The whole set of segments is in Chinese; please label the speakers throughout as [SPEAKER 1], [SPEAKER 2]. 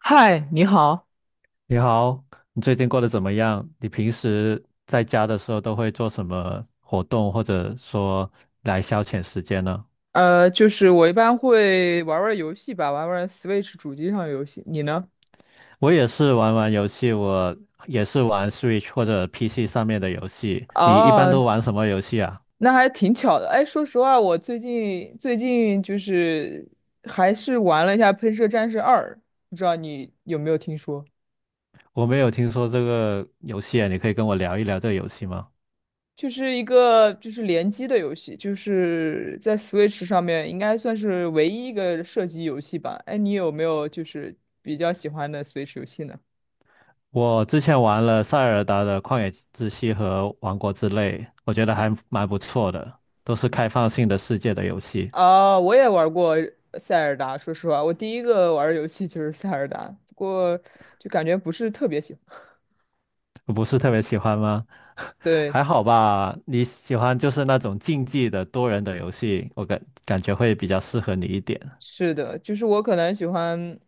[SPEAKER 1] 嗨，你好。
[SPEAKER 2] 你好，你最近过得怎么样？你平时在家的时候都会做什么活动，或者说来消遣时间呢？
[SPEAKER 1] 就是我一般会玩玩游戏吧，玩玩 Switch 主机上的游戏。你呢？
[SPEAKER 2] 我也是玩玩游戏，我也是玩 Switch 或者 PC 上面的游戏。你一般都
[SPEAKER 1] 哦，
[SPEAKER 2] 玩什么游戏啊？
[SPEAKER 1] 那还挺巧的。哎，说实话，我最近就是还是玩了一下《喷射战士二》，不知道你有没有听说？
[SPEAKER 2] 我没有听说这个游戏啊，你可以跟我聊一聊这个游戏吗？
[SPEAKER 1] 就是一个就是联机的游戏，就是在 Switch 上面应该算是唯一一个射击游戏吧。哎，你有没有就是比较喜欢的 Switch 游戏呢？
[SPEAKER 2] 我之前玩了塞尔达的旷野之息和王国之泪，我觉得还蛮不错的，都是开放性的世界的游戏。
[SPEAKER 1] 啊，我也玩过塞尔达。说实话，我第一个玩的游戏就是塞尔达，不过就感觉不是特别喜欢。
[SPEAKER 2] 我不是特别喜欢吗？
[SPEAKER 1] 对，
[SPEAKER 2] 还好吧，你喜欢就是那种竞技的多人的游戏，我感觉会比较适合你一点。
[SPEAKER 1] 是的，就是我可能喜欢，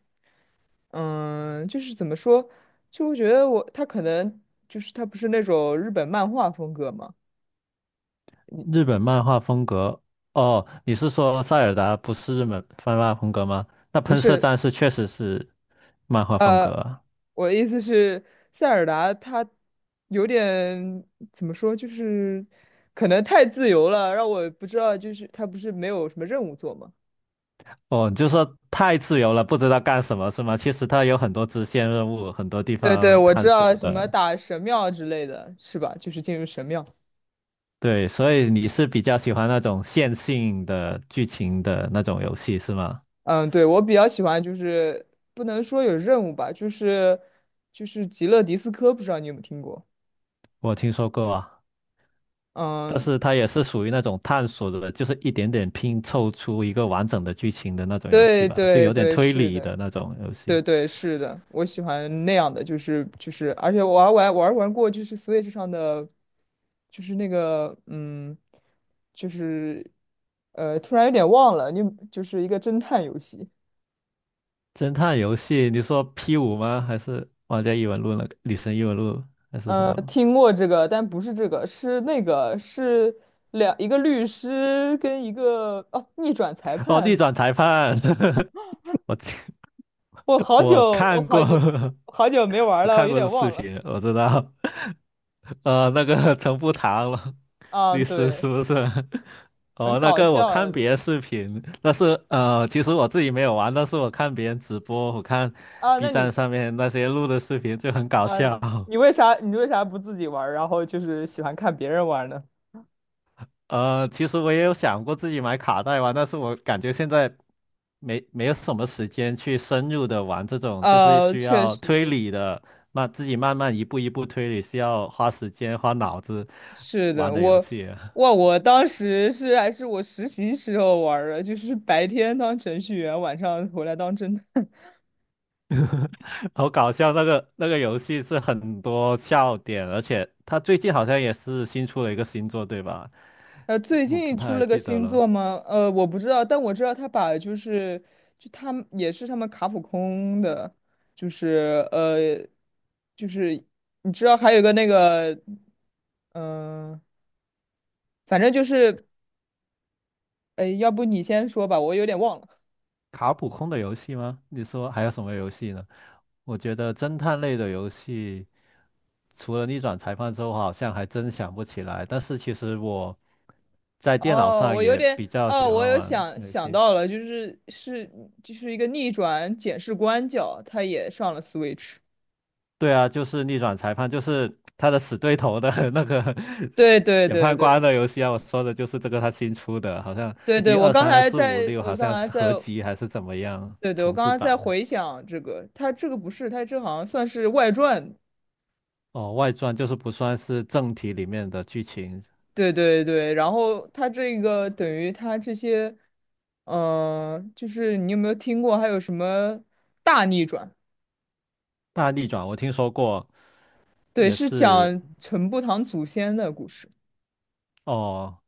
[SPEAKER 1] 嗯，就是怎么说，就我觉得他可能就是他不是那种日本漫画风格嘛，
[SPEAKER 2] 日本漫画风格，哦，你是说塞尔达不是日本漫画风格吗？那
[SPEAKER 1] 不
[SPEAKER 2] 喷射
[SPEAKER 1] 是，
[SPEAKER 2] 战士确实是漫画风格
[SPEAKER 1] 呃，
[SPEAKER 2] 啊。
[SPEAKER 1] 我的意思是塞尔达他有点怎么说，就是可能太自由了，让我不知道，就是他不是没有什么任务做吗？
[SPEAKER 2] 哦，你就说太自由了，不知道干什么是吗？其实它有很多支线任务，很多地
[SPEAKER 1] 对对，
[SPEAKER 2] 方
[SPEAKER 1] 我知
[SPEAKER 2] 探
[SPEAKER 1] 道
[SPEAKER 2] 索
[SPEAKER 1] 什么
[SPEAKER 2] 的。
[SPEAKER 1] 打神庙之类的，是吧？就是进入神庙。
[SPEAKER 2] 对，所以你是比较喜欢那种线性的剧情的那种游戏是吗？
[SPEAKER 1] 嗯，对，我比较喜欢，就是不能说有任务吧，就是极乐迪斯科，不知道你有没有听过？
[SPEAKER 2] 我听说过啊，但
[SPEAKER 1] 嗯，
[SPEAKER 2] 是它也是属于那种探索的，就是一点点拼凑出一个完整的剧情的那种游戏
[SPEAKER 1] 对
[SPEAKER 2] 吧，就
[SPEAKER 1] 对
[SPEAKER 2] 有点
[SPEAKER 1] 对，
[SPEAKER 2] 推
[SPEAKER 1] 是
[SPEAKER 2] 理
[SPEAKER 1] 的，
[SPEAKER 2] 的那种游
[SPEAKER 1] 对
[SPEAKER 2] 戏。
[SPEAKER 1] 对是的，我喜欢那样的，就是就是，而且我还玩过，就是 Switch 上的，就是那个嗯，就是突然有点忘了，你就是一个侦探游戏。
[SPEAKER 2] 侦探游戏，你说 P5吗？还是玩家异闻录那个女神异闻录还是什么？
[SPEAKER 1] 听过这个，但不是这个，是那个，是两一个律师跟一个哦、逆转裁
[SPEAKER 2] 哦，逆
[SPEAKER 1] 判。
[SPEAKER 2] 转裁判，我
[SPEAKER 1] 我好久，
[SPEAKER 2] 我
[SPEAKER 1] 我
[SPEAKER 2] 看
[SPEAKER 1] 好
[SPEAKER 2] 过，
[SPEAKER 1] 久，好久没玩
[SPEAKER 2] 我
[SPEAKER 1] 了，我
[SPEAKER 2] 看
[SPEAKER 1] 有
[SPEAKER 2] 过
[SPEAKER 1] 点
[SPEAKER 2] 的视
[SPEAKER 1] 忘了。
[SPEAKER 2] 频，我知道，那个陈步堂了，
[SPEAKER 1] 啊，
[SPEAKER 2] 律师
[SPEAKER 1] 对，
[SPEAKER 2] 是不是？
[SPEAKER 1] 很
[SPEAKER 2] 哦，那
[SPEAKER 1] 搞
[SPEAKER 2] 个我
[SPEAKER 1] 笑
[SPEAKER 2] 看
[SPEAKER 1] 的
[SPEAKER 2] 别的视频，但是其实我自己没有玩，但是我看别人直播，我看
[SPEAKER 1] 啊。
[SPEAKER 2] B
[SPEAKER 1] 那
[SPEAKER 2] 站
[SPEAKER 1] 你，
[SPEAKER 2] 上面那些录的视频就很搞
[SPEAKER 1] 啊，
[SPEAKER 2] 笑。
[SPEAKER 1] 你为啥不自己玩儿然后就是喜欢看别人玩呢？
[SPEAKER 2] 其实我也有想过自己买卡带玩，但是我感觉现在没有什么时间去深入的玩这种，就是
[SPEAKER 1] 呃，
[SPEAKER 2] 需
[SPEAKER 1] 确
[SPEAKER 2] 要推
[SPEAKER 1] 实
[SPEAKER 2] 理的，那自己慢慢一步一步推理，需要花时间花脑子
[SPEAKER 1] 是
[SPEAKER 2] 玩
[SPEAKER 1] 的，
[SPEAKER 2] 的游
[SPEAKER 1] 我
[SPEAKER 2] 戏啊。
[SPEAKER 1] 哇，我当时是还是我实习时候玩儿的，就是白天当程序员，晚上回来当侦探。
[SPEAKER 2] 好搞笑，那个游戏是很多笑点，而且它最近好像也是新出了一个新作，对吧？
[SPEAKER 1] 呃，
[SPEAKER 2] 我
[SPEAKER 1] 最
[SPEAKER 2] 我不
[SPEAKER 1] 近出
[SPEAKER 2] 太
[SPEAKER 1] 了个
[SPEAKER 2] 记得
[SPEAKER 1] 新
[SPEAKER 2] 了，
[SPEAKER 1] 作吗？我不知道，但我知道他把就是就他们也是他们卡普空的，就是就是你知道还有个那个，嗯、反正就是，哎，要不你先说吧，我有点忘了。
[SPEAKER 2] 卡普空的游戏吗？你说还有什么游戏呢？我觉得侦探类的游戏，除了逆转裁判之后，好像还真想不起来。但是其实我在电脑
[SPEAKER 1] 哦，
[SPEAKER 2] 上
[SPEAKER 1] 我有
[SPEAKER 2] 也
[SPEAKER 1] 点，
[SPEAKER 2] 比较
[SPEAKER 1] 哦，
[SPEAKER 2] 喜
[SPEAKER 1] 我
[SPEAKER 2] 欢
[SPEAKER 1] 有
[SPEAKER 2] 玩
[SPEAKER 1] 想
[SPEAKER 2] 游
[SPEAKER 1] 想
[SPEAKER 2] 戏。
[SPEAKER 1] 到了，就是是就是一个逆转检视官角，他也上了 Switch。
[SPEAKER 2] 对啊，就是逆转裁判，就是他的死对头的 那个
[SPEAKER 1] 对对
[SPEAKER 2] 检
[SPEAKER 1] 对
[SPEAKER 2] 判
[SPEAKER 1] 对
[SPEAKER 2] 官的游戏啊。我说的就是这个，他新出的，好像
[SPEAKER 1] 对对，
[SPEAKER 2] 一二三四五六，
[SPEAKER 1] 我
[SPEAKER 2] 好
[SPEAKER 1] 刚
[SPEAKER 2] 像
[SPEAKER 1] 才
[SPEAKER 2] 是
[SPEAKER 1] 在。
[SPEAKER 2] 合集还是怎么样
[SPEAKER 1] 对对，我
[SPEAKER 2] 重
[SPEAKER 1] 刚
[SPEAKER 2] 制
[SPEAKER 1] 刚在
[SPEAKER 2] 版的。
[SPEAKER 1] 回想这个，它这个不是，它这好像算是外传。
[SPEAKER 2] 哦，外传就是不算是正题里面的剧情。
[SPEAKER 1] 对对对，然后它这个等于它这些，嗯、就是你有没有听过还有什么大逆转？
[SPEAKER 2] 大逆转我听说过，
[SPEAKER 1] 对，
[SPEAKER 2] 也
[SPEAKER 1] 是
[SPEAKER 2] 是。
[SPEAKER 1] 讲陈步堂祖先的故事。
[SPEAKER 2] 哦，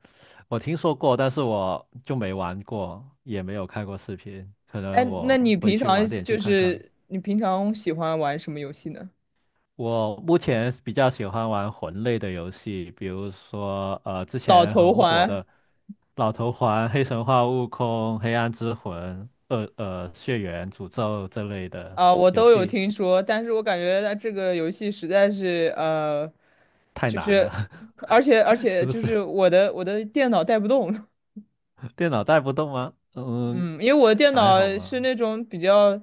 [SPEAKER 2] 我听说过，但是我就没玩过，也没有看过视频，可
[SPEAKER 1] 哎，
[SPEAKER 2] 能
[SPEAKER 1] 那
[SPEAKER 2] 我
[SPEAKER 1] 你
[SPEAKER 2] 回
[SPEAKER 1] 平
[SPEAKER 2] 去
[SPEAKER 1] 常
[SPEAKER 2] 晚点去
[SPEAKER 1] 就
[SPEAKER 2] 看看。
[SPEAKER 1] 是你平常喜欢玩什么游戏呢？
[SPEAKER 2] 我目前是比较喜欢玩魂类的游戏，比如说之
[SPEAKER 1] 老
[SPEAKER 2] 前
[SPEAKER 1] 头
[SPEAKER 2] 很火
[SPEAKER 1] 环
[SPEAKER 2] 的《老头环》《黑神话：悟空》《黑暗之魂》《血缘诅咒》这类的
[SPEAKER 1] 啊、我
[SPEAKER 2] 游
[SPEAKER 1] 都有
[SPEAKER 2] 戏，
[SPEAKER 1] 听说，但是我感觉它这个游戏实在是
[SPEAKER 2] 太
[SPEAKER 1] 就
[SPEAKER 2] 难
[SPEAKER 1] 是，
[SPEAKER 2] 了，
[SPEAKER 1] 而且而
[SPEAKER 2] 是
[SPEAKER 1] 且
[SPEAKER 2] 不
[SPEAKER 1] 就
[SPEAKER 2] 是？
[SPEAKER 1] 是我的电脑带不动，
[SPEAKER 2] 电脑带不动吗？嗯，
[SPEAKER 1] 嗯，因为我的电
[SPEAKER 2] 还
[SPEAKER 1] 脑
[SPEAKER 2] 好吧。
[SPEAKER 1] 是那种比较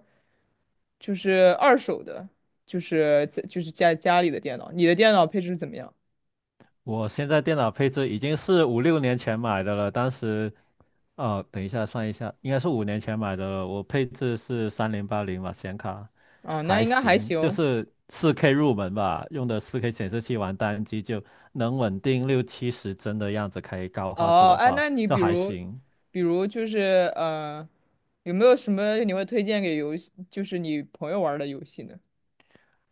[SPEAKER 1] 就是二手的，就是在就是家里的电脑。你的电脑配置怎么样？
[SPEAKER 2] 我现在电脑配置已经是五六年前买的了，当时哦，等一下算一下，应该是五年前买的，我配置是3080吧，显卡
[SPEAKER 1] 啊，那
[SPEAKER 2] 还
[SPEAKER 1] 应该还
[SPEAKER 2] 行，就
[SPEAKER 1] 行。
[SPEAKER 2] 是四 K 入门吧，用的4K 显示器玩单机就能稳定六七十帧的样子，开高画质
[SPEAKER 1] 哦，
[SPEAKER 2] 的
[SPEAKER 1] 哎，
[SPEAKER 2] 话
[SPEAKER 1] 那你
[SPEAKER 2] 就
[SPEAKER 1] 比
[SPEAKER 2] 还
[SPEAKER 1] 如
[SPEAKER 2] 行。
[SPEAKER 1] 比如就是有没有什么你会推荐给游戏，就是你朋友玩儿的游戏呢？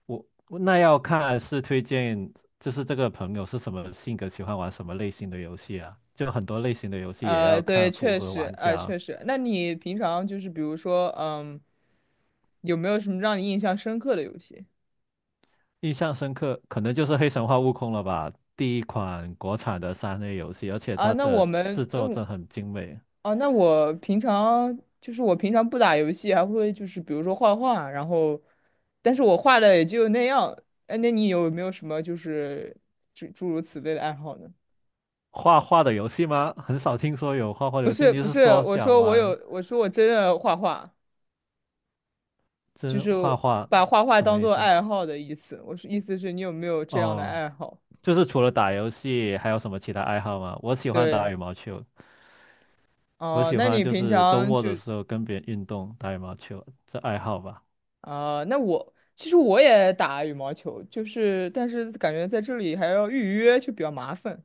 [SPEAKER 2] 我那要看是推荐，就是这个朋友是什么性格，喜欢玩什么类型的游戏啊？就很多类型的游戏也
[SPEAKER 1] 呃，
[SPEAKER 2] 要
[SPEAKER 1] 对，
[SPEAKER 2] 看符
[SPEAKER 1] 确
[SPEAKER 2] 合
[SPEAKER 1] 实，
[SPEAKER 2] 玩
[SPEAKER 1] 哎、
[SPEAKER 2] 家。
[SPEAKER 1] 确实。那你平常就是比如说，嗯，有没有什么让你印象深刻的游戏？
[SPEAKER 2] 印象深刻，可能就是《黑神话：悟空》了吧，第一款国产的3A 游戏，而且
[SPEAKER 1] 啊，
[SPEAKER 2] 它
[SPEAKER 1] 那
[SPEAKER 2] 的
[SPEAKER 1] 我
[SPEAKER 2] 制
[SPEAKER 1] 们，
[SPEAKER 2] 作
[SPEAKER 1] 嗯，
[SPEAKER 2] 真很精美。
[SPEAKER 1] 哦，那我平常就是我平常不打游戏，还会就是比如说画画，然后，但是我画的也就那样。哎，那你有没有什么就是诸如此类的爱好呢？
[SPEAKER 2] 画画的游戏吗？很少听说有画画
[SPEAKER 1] 不
[SPEAKER 2] 游戏。
[SPEAKER 1] 是
[SPEAKER 2] 你
[SPEAKER 1] 不
[SPEAKER 2] 是
[SPEAKER 1] 是，
[SPEAKER 2] 说
[SPEAKER 1] 我
[SPEAKER 2] 想
[SPEAKER 1] 说我
[SPEAKER 2] 玩
[SPEAKER 1] 有，我说我真的画画，就
[SPEAKER 2] 真
[SPEAKER 1] 是
[SPEAKER 2] 画画？
[SPEAKER 1] 把画画
[SPEAKER 2] 什么
[SPEAKER 1] 当
[SPEAKER 2] 意
[SPEAKER 1] 做
[SPEAKER 2] 思？
[SPEAKER 1] 爱好的意思。我是意思是你有没有这样的
[SPEAKER 2] 哦，
[SPEAKER 1] 爱好？
[SPEAKER 2] 就是除了打游戏，还有什么其他爱好吗？我喜欢
[SPEAKER 1] 对，
[SPEAKER 2] 打羽毛球，我
[SPEAKER 1] 哦，
[SPEAKER 2] 喜
[SPEAKER 1] 那
[SPEAKER 2] 欢
[SPEAKER 1] 你
[SPEAKER 2] 就
[SPEAKER 1] 平
[SPEAKER 2] 是周
[SPEAKER 1] 常
[SPEAKER 2] 末
[SPEAKER 1] 就
[SPEAKER 2] 的时候跟别人运动，打羽毛球，这爱好吧。
[SPEAKER 1] 啊、那我其实我也打羽毛球，就是但是感觉在这里还要预约，就比较麻烦。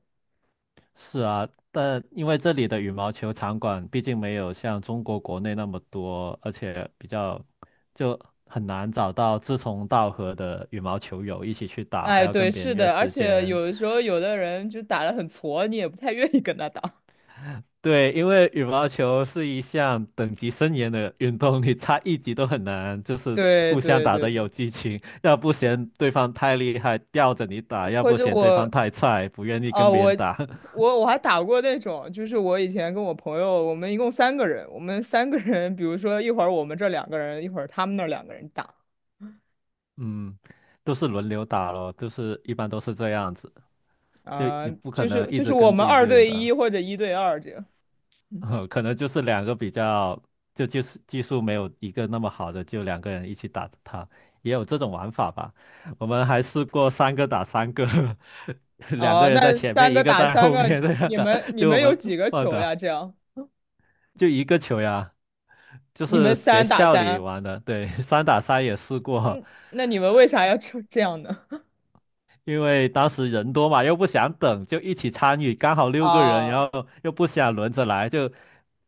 [SPEAKER 2] 是啊，但因为这里的羽毛球场馆毕竟没有像中国国内那么多，而且比较就很难找到志同道合的羽毛球友一起去打，还
[SPEAKER 1] 哎，
[SPEAKER 2] 要
[SPEAKER 1] 对，
[SPEAKER 2] 跟别人
[SPEAKER 1] 是
[SPEAKER 2] 约
[SPEAKER 1] 的，而
[SPEAKER 2] 时
[SPEAKER 1] 且
[SPEAKER 2] 间。
[SPEAKER 1] 有的时候有的人就打得很挫，你也不太愿意跟他打。
[SPEAKER 2] 对，因为羽毛球是一项等级森严的运动，你差一级都很难，就是
[SPEAKER 1] 对
[SPEAKER 2] 互相
[SPEAKER 1] 对
[SPEAKER 2] 打
[SPEAKER 1] 对
[SPEAKER 2] 得
[SPEAKER 1] 对，
[SPEAKER 2] 有激情，要不嫌对方太厉害吊着你打，要
[SPEAKER 1] 或
[SPEAKER 2] 不
[SPEAKER 1] 者
[SPEAKER 2] 嫌对
[SPEAKER 1] 我，
[SPEAKER 2] 方太菜不愿意
[SPEAKER 1] 啊，
[SPEAKER 2] 跟别人
[SPEAKER 1] 我
[SPEAKER 2] 打，
[SPEAKER 1] 我我还打过那种，就是我以前跟我朋友，我们一共三个人，我们三个人，比如说一会儿我们这两个人，一会儿他们那两个人打，
[SPEAKER 2] 嗯，都是轮流打咯，就是一般都是这样子。就
[SPEAKER 1] 啊、
[SPEAKER 2] 你不可
[SPEAKER 1] 就
[SPEAKER 2] 能
[SPEAKER 1] 是
[SPEAKER 2] 一
[SPEAKER 1] 就是
[SPEAKER 2] 直
[SPEAKER 1] 我
[SPEAKER 2] 跟
[SPEAKER 1] 们
[SPEAKER 2] 对一
[SPEAKER 1] 二
[SPEAKER 2] 个人
[SPEAKER 1] 对一
[SPEAKER 2] 打，
[SPEAKER 1] 或者一对二这样。
[SPEAKER 2] 可能就是两个比较，就技术没有一个那么好的，就两个人一起打他，也有这种玩法吧。我们还试过三个打三个，两
[SPEAKER 1] 哦，啊
[SPEAKER 2] 个人在
[SPEAKER 1] 那
[SPEAKER 2] 前
[SPEAKER 1] 三
[SPEAKER 2] 面，一
[SPEAKER 1] 个
[SPEAKER 2] 个
[SPEAKER 1] 打
[SPEAKER 2] 在
[SPEAKER 1] 三
[SPEAKER 2] 后
[SPEAKER 1] 个，
[SPEAKER 2] 面
[SPEAKER 1] 你
[SPEAKER 2] 这样
[SPEAKER 1] 你
[SPEAKER 2] 的，
[SPEAKER 1] 们 你
[SPEAKER 2] 就我
[SPEAKER 1] 们有
[SPEAKER 2] 们
[SPEAKER 1] 几个
[SPEAKER 2] 乱
[SPEAKER 1] 球呀？
[SPEAKER 2] 打，
[SPEAKER 1] 这样，
[SPEAKER 2] 就一个球呀。就
[SPEAKER 1] 你们
[SPEAKER 2] 是学
[SPEAKER 1] 三打
[SPEAKER 2] 校里
[SPEAKER 1] 三，
[SPEAKER 2] 玩的，对，三打三也试过，
[SPEAKER 1] 嗯，那你们为啥要这样呢？
[SPEAKER 2] 因为当时人多嘛，又不想等，就一起参与，刚好六个人，
[SPEAKER 1] 啊
[SPEAKER 2] 然后又不想轮着来，就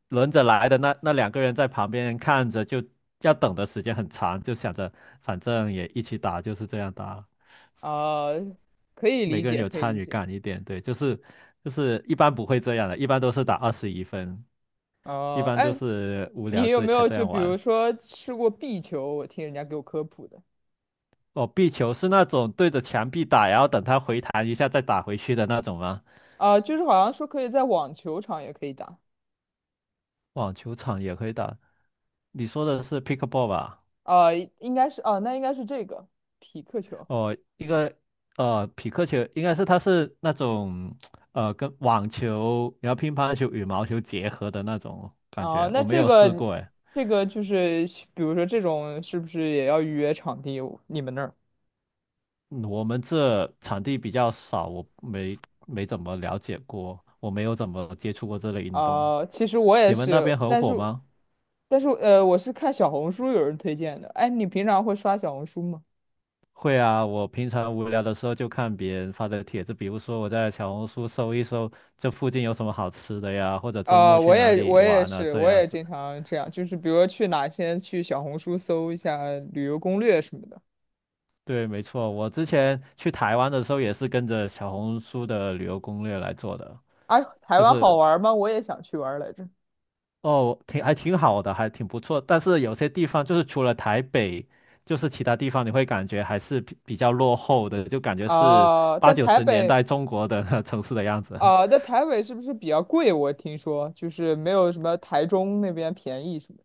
[SPEAKER 2] 轮着来的那两个人在旁边看着，就要等的时间很长，就想着反正也一起打，就是这样打了
[SPEAKER 1] 啊，可以
[SPEAKER 2] 每
[SPEAKER 1] 理
[SPEAKER 2] 个人
[SPEAKER 1] 解，
[SPEAKER 2] 有
[SPEAKER 1] 可以
[SPEAKER 2] 参
[SPEAKER 1] 理
[SPEAKER 2] 与
[SPEAKER 1] 解。
[SPEAKER 2] 感一点，对，就是一般不会这样的，一般都是打21分，一
[SPEAKER 1] 哦，
[SPEAKER 2] 般
[SPEAKER 1] 哎，
[SPEAKER 2] 都是无聊
[SPEAKER 1] 你有
[SPEAKER 2] 这
[SPEAKER 1] 没
[SPEAKER 2] 才
[SPEAKER 1] 有
[SPEAKER 2] 这
[SPEAKER 1] 就
[SPEAKER 2] 样
[SPEAKER 1] 比如
[SPEAKER 2] 玩。
[SPEAKER 1] 说吃过壁球？我听人家给我科普的，
[SPEAKER 2] 哦，壁球是那种对着墙壁打，然后等它回弹一下再打回去的那种吗？
[SPEAKER 1] 啊，就是好像说可以在网球场也可以打，
[SPEAKER 2] 网球场也可以打。你说的是 pickleball 吧？
[SPEAKER 1] 啊，应该是啊，那应该是这个匹克球。
[SPEAKER 2] 哦，一个匹克球，应该是它是那种跟网球、然后乒乓球、羽毛球结合的那种感
[SPEAKER 1] 啊，
[SPEAKER 2] 觉，
[SPEAKER 1] 那
[SPEAKER 2] 我没
[SPEAKER 1] 这
[SPEAKER 2] 有试
[SPEAKER 1] 个
[SPEAKER 2] 过哎。
[SPEAKER 1] 这个就是比如说这种是不是也要预约场地？你们那儿？
[SPEAKER 2] 嗯我们这场地比较少，我没怎么了解过，我没有怎么接触过这类运动。
[SPEAKER 1] 啊，其实我也
[SPEAKER 2] 你们那
[SPEAKER 1] 是，
[SPEAKER 2] 边很
[SPEAKER 1] 但是
[SPEAKER 2] 火吗？
[SPEAKER 1] 但是我是看小红书有人推荐的。哎，你平常会刷小红书吗？
[SPEAKER 2] 会啊，我平常无聊的时候就看别人发的帖子，比如说我在小红书搜一搜这附近有什么好吃的呀，或者周
[SPEAKER 1] 呃，
[SPEAKER 2] 末去
[SPEAKER 1] 我
[SPEAKER 2] 哪
[SPEAKER 1] 也我
[SPEAKER 2] 里
[SPEAKER 1] 也
[SPEAKER 2] 玩啊，
[SPEAKER 1] 是，
[SPEAKER 2] 这
[SPEAKER 1] 我
[SPEAKER 2] 样
[SPEAKER 1] 也
[SPEAKER 2] 子。
[SPEAKER 1] 经常这样，就是比如说去哪先去小红书搜一下旅游攻略什么的。
[SPEAKER 2] 对，没错，我之前去台湾的时候也是跟着小红书的旅游攻略来做的，
[SPEAKER 1] 啊，台
[SPEAKER 2] 就
[SPEAKER 1] 湾好
[SPEAKER 2] 是
[SPEAKER 1] 玩吗？我也想去玩来着。
[SPEAKER 2] 哦，挺还挺好的，还挺不错。但是有些地方就是除了台北，就是其他地方你会感觉还是比较落后的，就感觉是
[SPEAKER 1] 啊，
[SPEAKER 2] 八
[SPEAKER 1] 但
[SPEAKER 2] 九
[SPEAKER 1] 台
[SPEAKER 2] 十年
[SPEAKER 1] 北
[SPEAKER 2] 代中国的 城市的样子。
[SPEAKER 1] 啊，但台北是不是比较贵？我听说就是没有什么台中那边便宜什么的。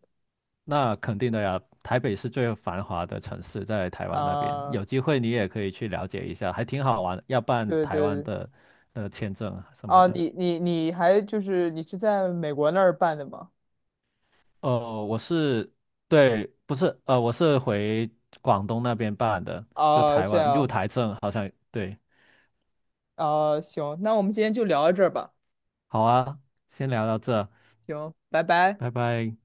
[SPEAKER 2] 那肯定的呀，台北是最繁华的城市，在台湾那边，
[SPEAKER 1] 啊，
[SPEAKER 2] 有机会你也可以去了解一下，还挺好玩要办
[SPEAKER 1] 对对
[SPEAKER 2] 台湾
[SPEAKER 1] 对
[SPEAKER 2] 的签证啊什么
[SPEAKER 1] 啊，
[SPEAKER 2] 的。
[SPEAKER 1] 你还就是你是在美国那儿办的吗？
[SPEAKER 2] 我是，对，不是，我是回广东那边办的，就
[SPEAKER 1] 啊，
[SPEAKER 2] 台
[SPEAKER 1] 这
[SPEAKER 2] 湾入
[SPEAKER 1] 样
[SPEAKER 2] 台证，好像，对，
[SPEAKER 1] 啊，行，那我们今天就聊到这儿吧。
[SPEAKER 2] 好啊，先聊到这，
[SPEAKER 1] 行，拜拜。
[SPEAKER 2] 拜拜。